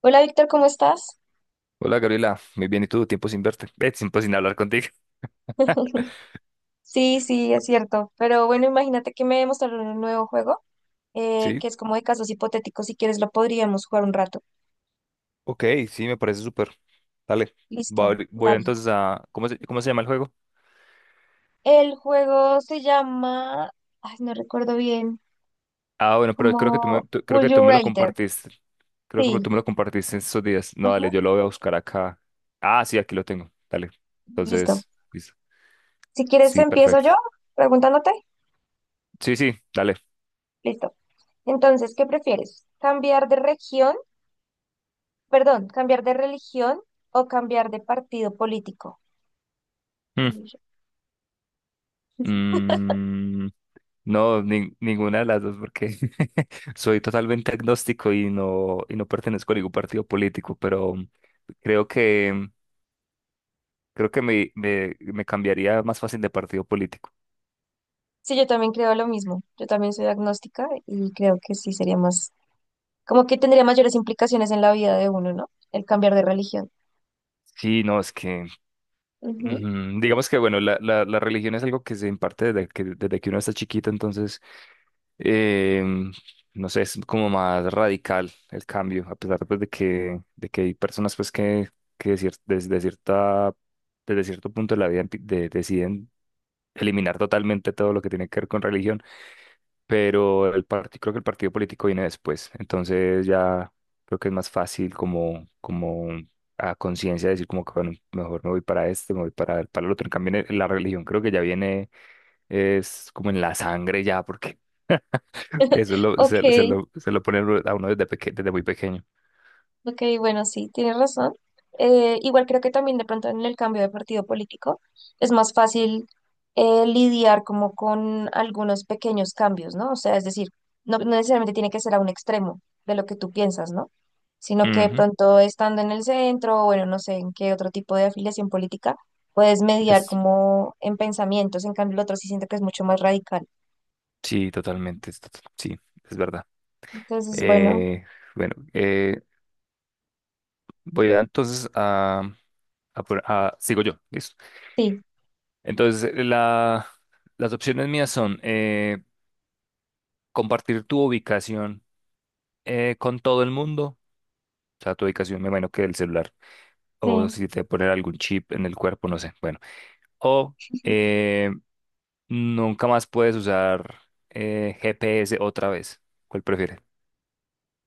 Hola Víctor, ¿cómo estás? Hola Gabriela, muy bien, ¿y tú? Tiempo sin verte, tiempo sin hablar contigo. Sí, sí, es cierto. Pero bueno, imagínate que me mostraron un nuevo juego Sí, que es como de casos hipotéticos. Si quieres, lo podríamos jugar un rato. ok, sí, me parece súper. Dale, Listo, voy dale. entonces a. ¿Cómo se llama el juego? El juego se llama, ay, no recuerdo bien, Ah, bueno, pero como creo Would que You tú me lo Rather. compartiste. Creo que tú Sí, me lo compartiste en esos días. No, ajá, dale, yo lo voy a buscar acá. Ah, sí, aquí lo tengo. Dale. listo. Entonces, listo. Si quieres, Sí, empiezo perfecto. yo preguntándote. Sí, sí, dale. Listo. Entonces, ¿qué prefieres? ¿Cambiar de región, perdón, cambiar de religión o cambiar de partido político? Mm. Mm, No, ninguna de las dos, porque soy totalmente agnóstico y no pertenezco a ningún partido político, pero creo que, creo que me cambiaría más fácil de partido político. Sí, yo también creo lo mismo. Yo también soy agnóstica y creo que sí sería más, como que tendría mayores implicaciones en la vida de uno, ¿no? El cambiar de religión. Sí, no, es que, Ujú. Digamos que, bueno, la religión es algo que se imparte desde que uno está chiquito, entonces, em, no sé, es como más radical el cambio, a pesar pues, de que hay personas pues que decir, desde cierto punto de la vida deciden eliminar totalmente todo lo que tiene que ver con religión, pero el partido, creo que el partido político viene después, entonces ya creo que es más fácil como a conciencia decir como que bueno, mejor me voy para este, me voy para el otro, en cambio la religión creo que ya viene, es como en la sangre ya, porque eso lo, Ok, se, se lo ponen a uno desde muy pequeño. ok, bueno, sí, tienes razón. Igual creo que también de pronto en el cambio de partido político es más fácil lidiar como con algunos pequeños cambios, ¿no? O sea, es decir, no, no necesariamente tiene que ser a un extremo de lo que tú piensas, ¿no? Sino que de Ujú. pronto estando en el centro, o bueno, no sé en qué otro tipo de afiliación política, puedes mediar Es, como en pensamientos, en cambio el otro sí siento que es mucho más radical. sí, totalmente, sí, es verdad. Entonces, bueno, Eh, bueno, Voy a entonces a por- a- sigo yo, listo. sí, Entonces, las opciones mías son compartir tu ubicación con todo el mundo, o sea, tu ubicación, me imagino que el celular, o sí. si te ponen algún chip en el cuerpo, no sé, bueno. O eh, nunca más puedes usar GPS otra vez. ¿Cuál prefieres?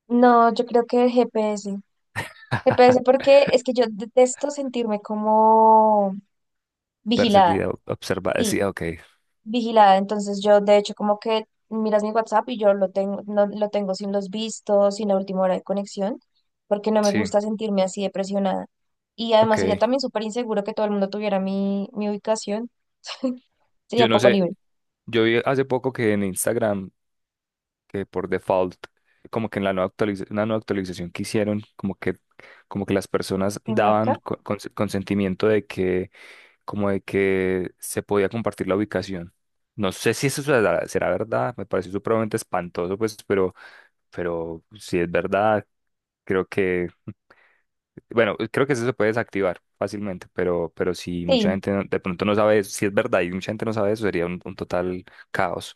No, yo creo que el GPS. Me parece porque es que yo detesto sentirme como vigilada. Perseguida, observada, sí, Sí, ok, vigilada. Entonces yo de hecho como que miras mi WhatsApp y yo lo tengo, no, lo tengo sin los vistos, sin la última hora de conexión, porque no me sí, gusta sentirme así de presionada. Y además ok. sería también súper inseguro que todo el mundo tuviera mi, mi ubicación. Sería Yo no poco sé, libre. yo vi hace poco que en Instagram que por default, como que en la nueva una nueva actualización que hicieron, como que, las personas ¿Te daban marca? Consentimiento de que, como de que se podía compartir la ubicación. No sé si eso será verdad, me parece supremamente espantoso, pues, pero si es verdad, creo que, bueno, creo que eso se puede desactivar fácilmente, pero si mucha Sí, gente de pronto no sabe eso, si es verdad y mucha gente no sabe eso, sería un total caos,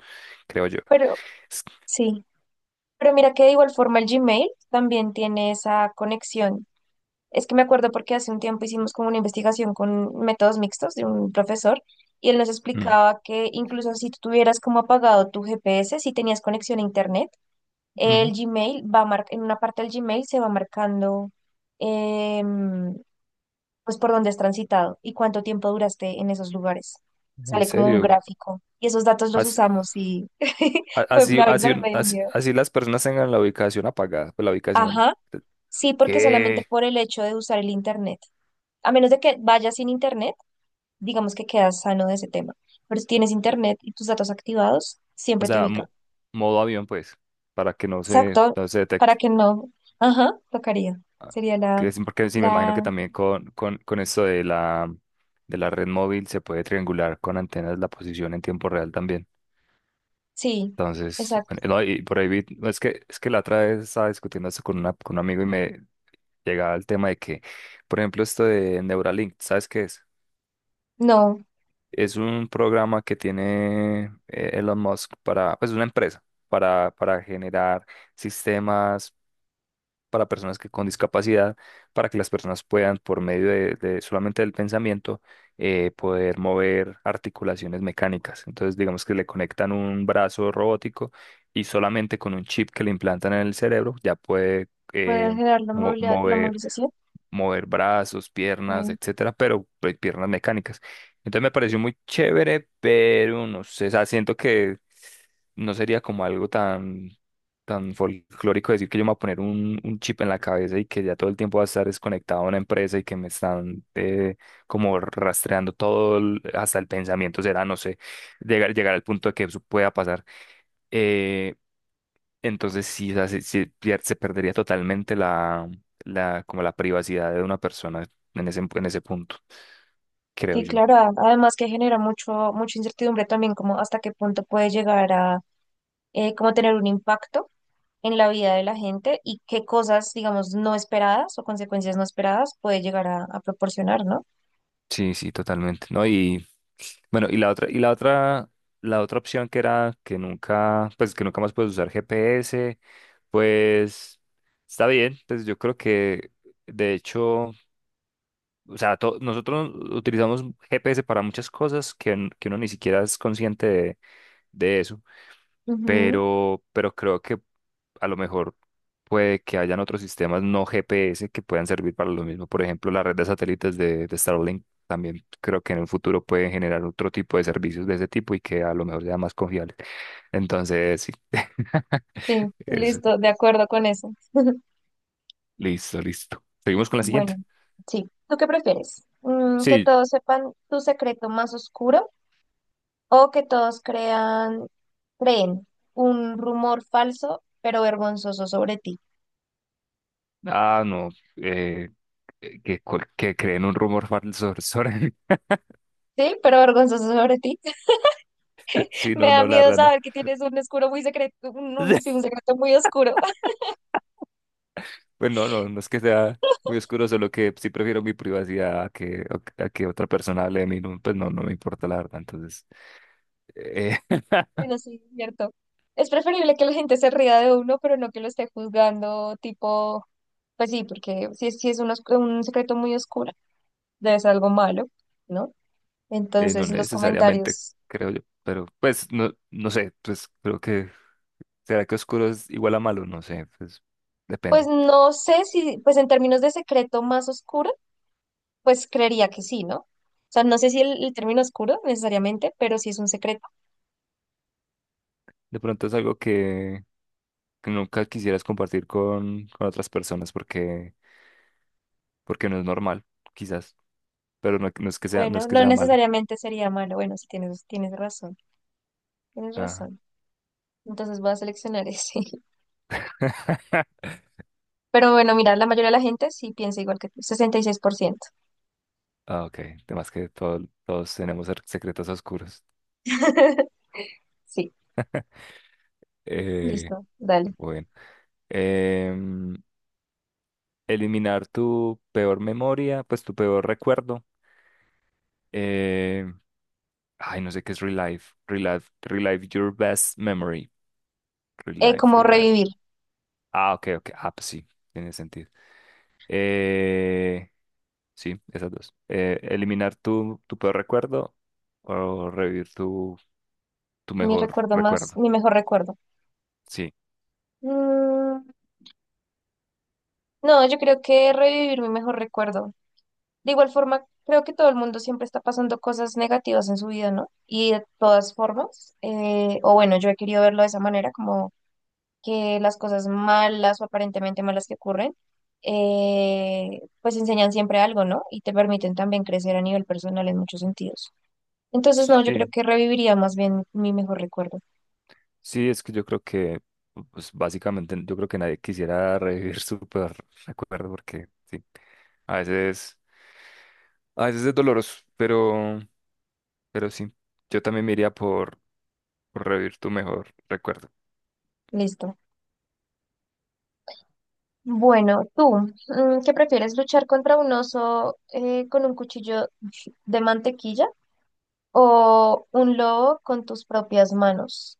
creo yo. pero sí. Pero mira que de igual forma el Gmail también tiene esa conexión. Es que me acuerdo porque hace un tiempo hicimos como una investigación con métodos mixtos de un profesor y él nos Mm, explicaba que incluso si tú tuvieras como apagado tu GPS, si tenías conexión a internet, el ujú. Gmail en una parte del Gmail se va marcando em, pues por dónde has transitado y cuánto tiempo duraste en esos lugares. En Sale como un serio, gráfico y esos datos los así, usamos y a- fue, así, a mí así, también un- me dio así- miedo. así las personas tengan la ubicación apagada, pues la ubicación, Ajá. eh, Sí, porque solamente ¿qué? por el hecho de usar el internet. A menos de que vayas sin internet digamos que quedas sano de ese tema. Pero si tienes internet y tus datos activados, O siempre te sea, ubica. Modo avión, pues, para que no se, Exacto, no se para detecte. que no. Ajá, tocaría. Ah, Sería ok, la, sí, porque sí, me imagino que la, también con esto de la red móvil se puede triangular con antenas la posición en tiempo real también. sí, Entonces, exacto. bueno, no, y por ahí no, es que la otra vez estaba discutiendo esto con un amigo y me llegaba el tema de que, por ejemplo, esto de Neuralink, ¿sabes qué es? No, Es un programa que tiene Elon Musk pues una empresa para generar sistemas para personas con discapacidad, para que las personas puedan, por medio de solamente del pensamiento, poder mover articulaciones mecánicas. Entonces, digamos que le conectan un brazo robótico y solamente con un chip que le implantan en el cerebro ya puede puede eh, generar mo- la mover movilización. mover brazos, Sí, piernas, etcétera, pero pues, piernas mecánicas. Entonces me pareció muy chévere, pero no sé, o sea, siento que no sería como algo tan folclórico decir que yo me voy a poner un chip en la cabeza y que ya todo el tiempo va a estar desconectado a una empresa y que me están como rastreando todo, hasta el pensamiento será, no sé, llegar al punto de que eso pueda pasar. Eh, entonces sí, o sea, se perdería totalmente como la privacidad de una persona en ese punto, creo sí, yo. claro, además que genera mucho, mucha incertidumbre también, como hasta qué punto puede llegar a como tener un impacto en la vida de la gente y qué cosas, digamos, no esperadas o consecuencias no esperadas puede llegar a proporcionar, ¿no? Sí, sí, totalmente. No, y bueno, la otra opción que era que nunca más puedes usar GPS, pues está bien, pues yo creo que de hecho, o sea, nosotros utilizamos GPS para muchas cosas que uno ni siquiera es consciente de eso. Ujú. Pero creo que a lo mejor puede que hayan otros sistemas no GPS que puedan servir para lo mismo. Por ejemplo, la red de satélites de Starlink también creo que en el futuro pueden generar otro tipo de servicios de ese tipo y que a lo mejor sea más confiable. Entonces, sí. Sí, Es, listo, de acuerdo con eso. listo, listo. Seguimos con la siguiente. Bueno, sí. ¿Tú qué prefieres? ¿Que Sí. todos sepan tu secreto más oscuro o que todos creen un rumor falso pero vergonzoso sobre ti? Ah, no. eh, que creen un rumor falso sobre. Sí, pero vergonzoso sobre ti. Sí, Me no, da no, la miedo verdad, saber que tienes un oscuro muy secreto, no. Sí, un secreto muy oscuro. Pues no, no, no es que sea muy oscuro, solo que sí prefiero mi privacidad a que otra persona hable de mí. No, pues no, no me importa la verdad. Entonces, eh, Bueno, sí, es cierto. Es preferible que la gente se ría de uno, pero no que lo esté juzgando, tipo, pues sí, porque si es, sí es un secreto muy oscuro. Debe ser algo malo, ¿no? No Entonces los necesariamente, comentarios, creo yo. Pero pues no, no sé, pues creo que será que oscuro es igual a malo, no sé, pues pues depende. no sé si, pues en términos de secreto más oscuro, pues creería que sí, ¿no? O sea, no sé si el término oscuro necesariamente, pero si es un secreto, De pronto es algo que nunca quisieras compartir con otras personas porque no es normal, quizás. Pero no, no es que sea, no es bueno, que no sea malo. necesariamente sería malo. Bueno, sí tienes razón, tienes Ajá. razón. Entonces voy a seleccionar ese. Pero bueno, mira, la mayoría de la gente sí piensa igual que tú, 66%. Ah, ok. Además que todos tenemos secretos oscuros. Sí, Eh, listo, dale. bueno. Em, eliminar tu peor memoria, pues tu peor recuerdo. Eh, ay, no sé qué es relive. Relive, relive your best memory. Relive, Como relive. revivir, Ah, ok, ok. Ah, pues sí, tiene sentido. Eh, sí, esas dos. Eliminar tu, tu, peor recuerdo o revivir tu mejor recuerdo. mi mejor recuerdo. Sí, Mm, No, yo creo que revivir mi mejor recuerdo. De igual forma, creo que todo el mundo siempre está pasando cosas negativas en su vida, ¿no? Y de todas formas, o bueno, yo he querido verlo de esa manera, como que las cosas malas o aparentemente malas que ocurren, pues enseñan siempre algo, ¿no? Y te permiten también crecer a nivel personal en muchos sentidos. Entonces, no, yo creo sí, que reviviría más bien mi mejor recuerdo. sí, es que pues básicamente, yo creo que nadie quisiera revivir su peor recuerdo porque, sí, a veces, a veces es doloroso, pero sí, yo también me iría por revivir tu mejor recuerdo. Listo. Bueno, tú, ¿qué prefieres? ¿Luchar contra un oso con un cuchillo de mantequilla? ¿O un lobo con tus propias manos?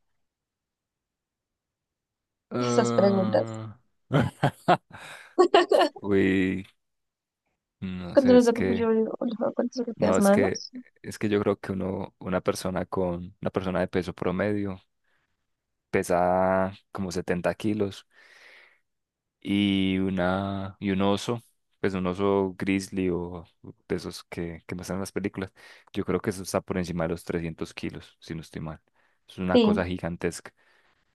Esas preguntas. Ah. Uy, no Cuando sé, los es de Papu yo que, digo, un lobo con tus propias no, es que, manos. es que yo creo que uno, una persona con, una persona de peso promedio pesa como 70 kilos. Y un oso, pues un oso grizzly o de esos que muestran en las películas. Yo creo que eso está por encima de los 300 kilos, si no estoy mal. Es una Sí, cosa gigantesca.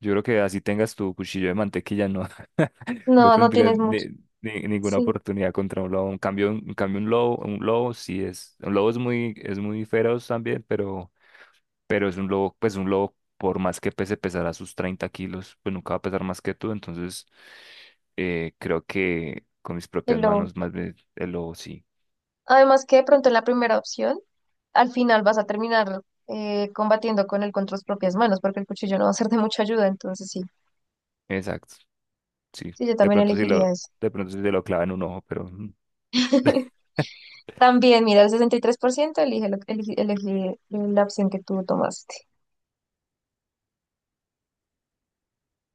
Yo creo que así tengas tu cuchillo de mantequilla, no, no no, no tendrías tienes mucho. Ninguna Sí, oportunidad contra un lobo. En cambio, un lobo es muy feroz también, pero es un lobo, pues un lobo, por más que pese pesará sus 30 kilos, pues nunca va a pesar más que tú, entonces creo que con mis el propias lobo. manos, más bien el lobo, sí, Además que de pronto en la primera opción, al final vas a terminar combatiendo con él con tus propias manos, porque el cuchillo no va a ser de mucha ayuda, entonces sí, exacto, sí, sí, yo de también pronto sí elegiría lo, eso. de pronto sí se lo clava en un ojo, pero También, mira, el 63% elige, elige la opción que tú tomaste.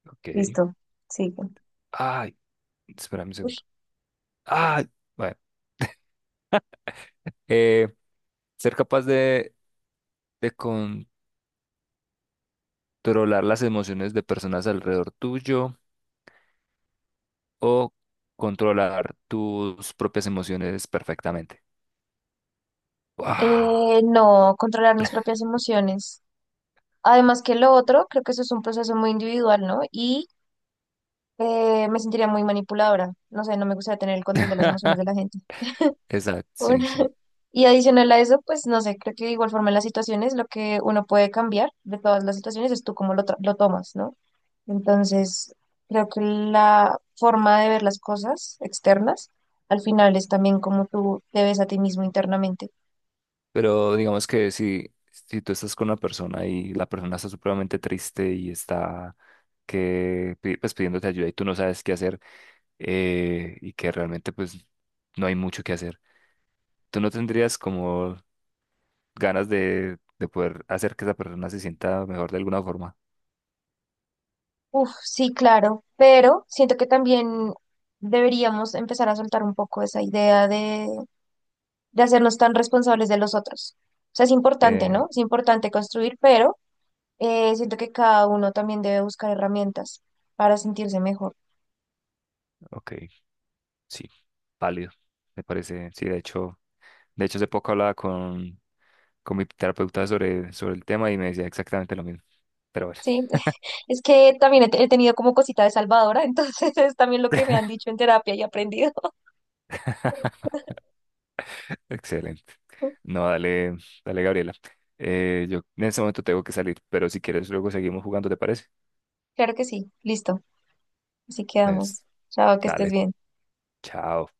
ok, Listo, sigue. ay, espérame un segundo, ay, bueno, eh, ser capaz de controlar las emociones de personas alrededor tuyo o controlar tus propias emociones perfectamente. ¡Guau! No, controlar mis propias emociones. Además que lo otro, creo que eso es un proceso muy individual, ¿no? Y me sentiría muy manipuladora. No sé, no me gustaría tener el control de las emociones de la gente. Exacto, sí, Bueno, sí. y adicional a eso, pues no sé, creo que de igual forma en las situaciones lo que uno puede cambiar de todas las situaciones es tú cómo lo tomas, ¿no? Entonces, creo que la forma de ver las cosas externas al final es también cómo tú te ves a ti mismo internamente. Pero digamos que si tú estás con una persona y la persona está supremamente triste y está pues, pidiéndote ayuda y tú no sabes qué hacer y que realmente pues no hay mucho que hacer, ¿tú no tendrías como ganas de poder hacer que esa persona se sienta mejor de alguna forma? Uf, sí, claro, pero siento que también deberíamos empezar a soltar un poco esa idea de hacernos tan responsables de los otros. O sea, es importante, Eh, ¿no? Es importante construir, pero siento que cada uno también debe buscar herramientas para sentirse mejor. ok, sí, válido, me parece. Sí, de hecho hace poco hablaba con mi terapeuta sobre el tema y me decía exactamente lo mismo. Pero bueno. Sí, es que también he tenido como cosita de salvadora, entonces es también lo que me han dicho en terapia y he aprendido. Excelente. No, dale, dale, Gabriela. Yo en este momento tengo que salir, pero si quieres luego seguimos jugando, ¿te parece? Claro que sí, listo, así quedamos. Es- Chao, que estés dale, bien. chao.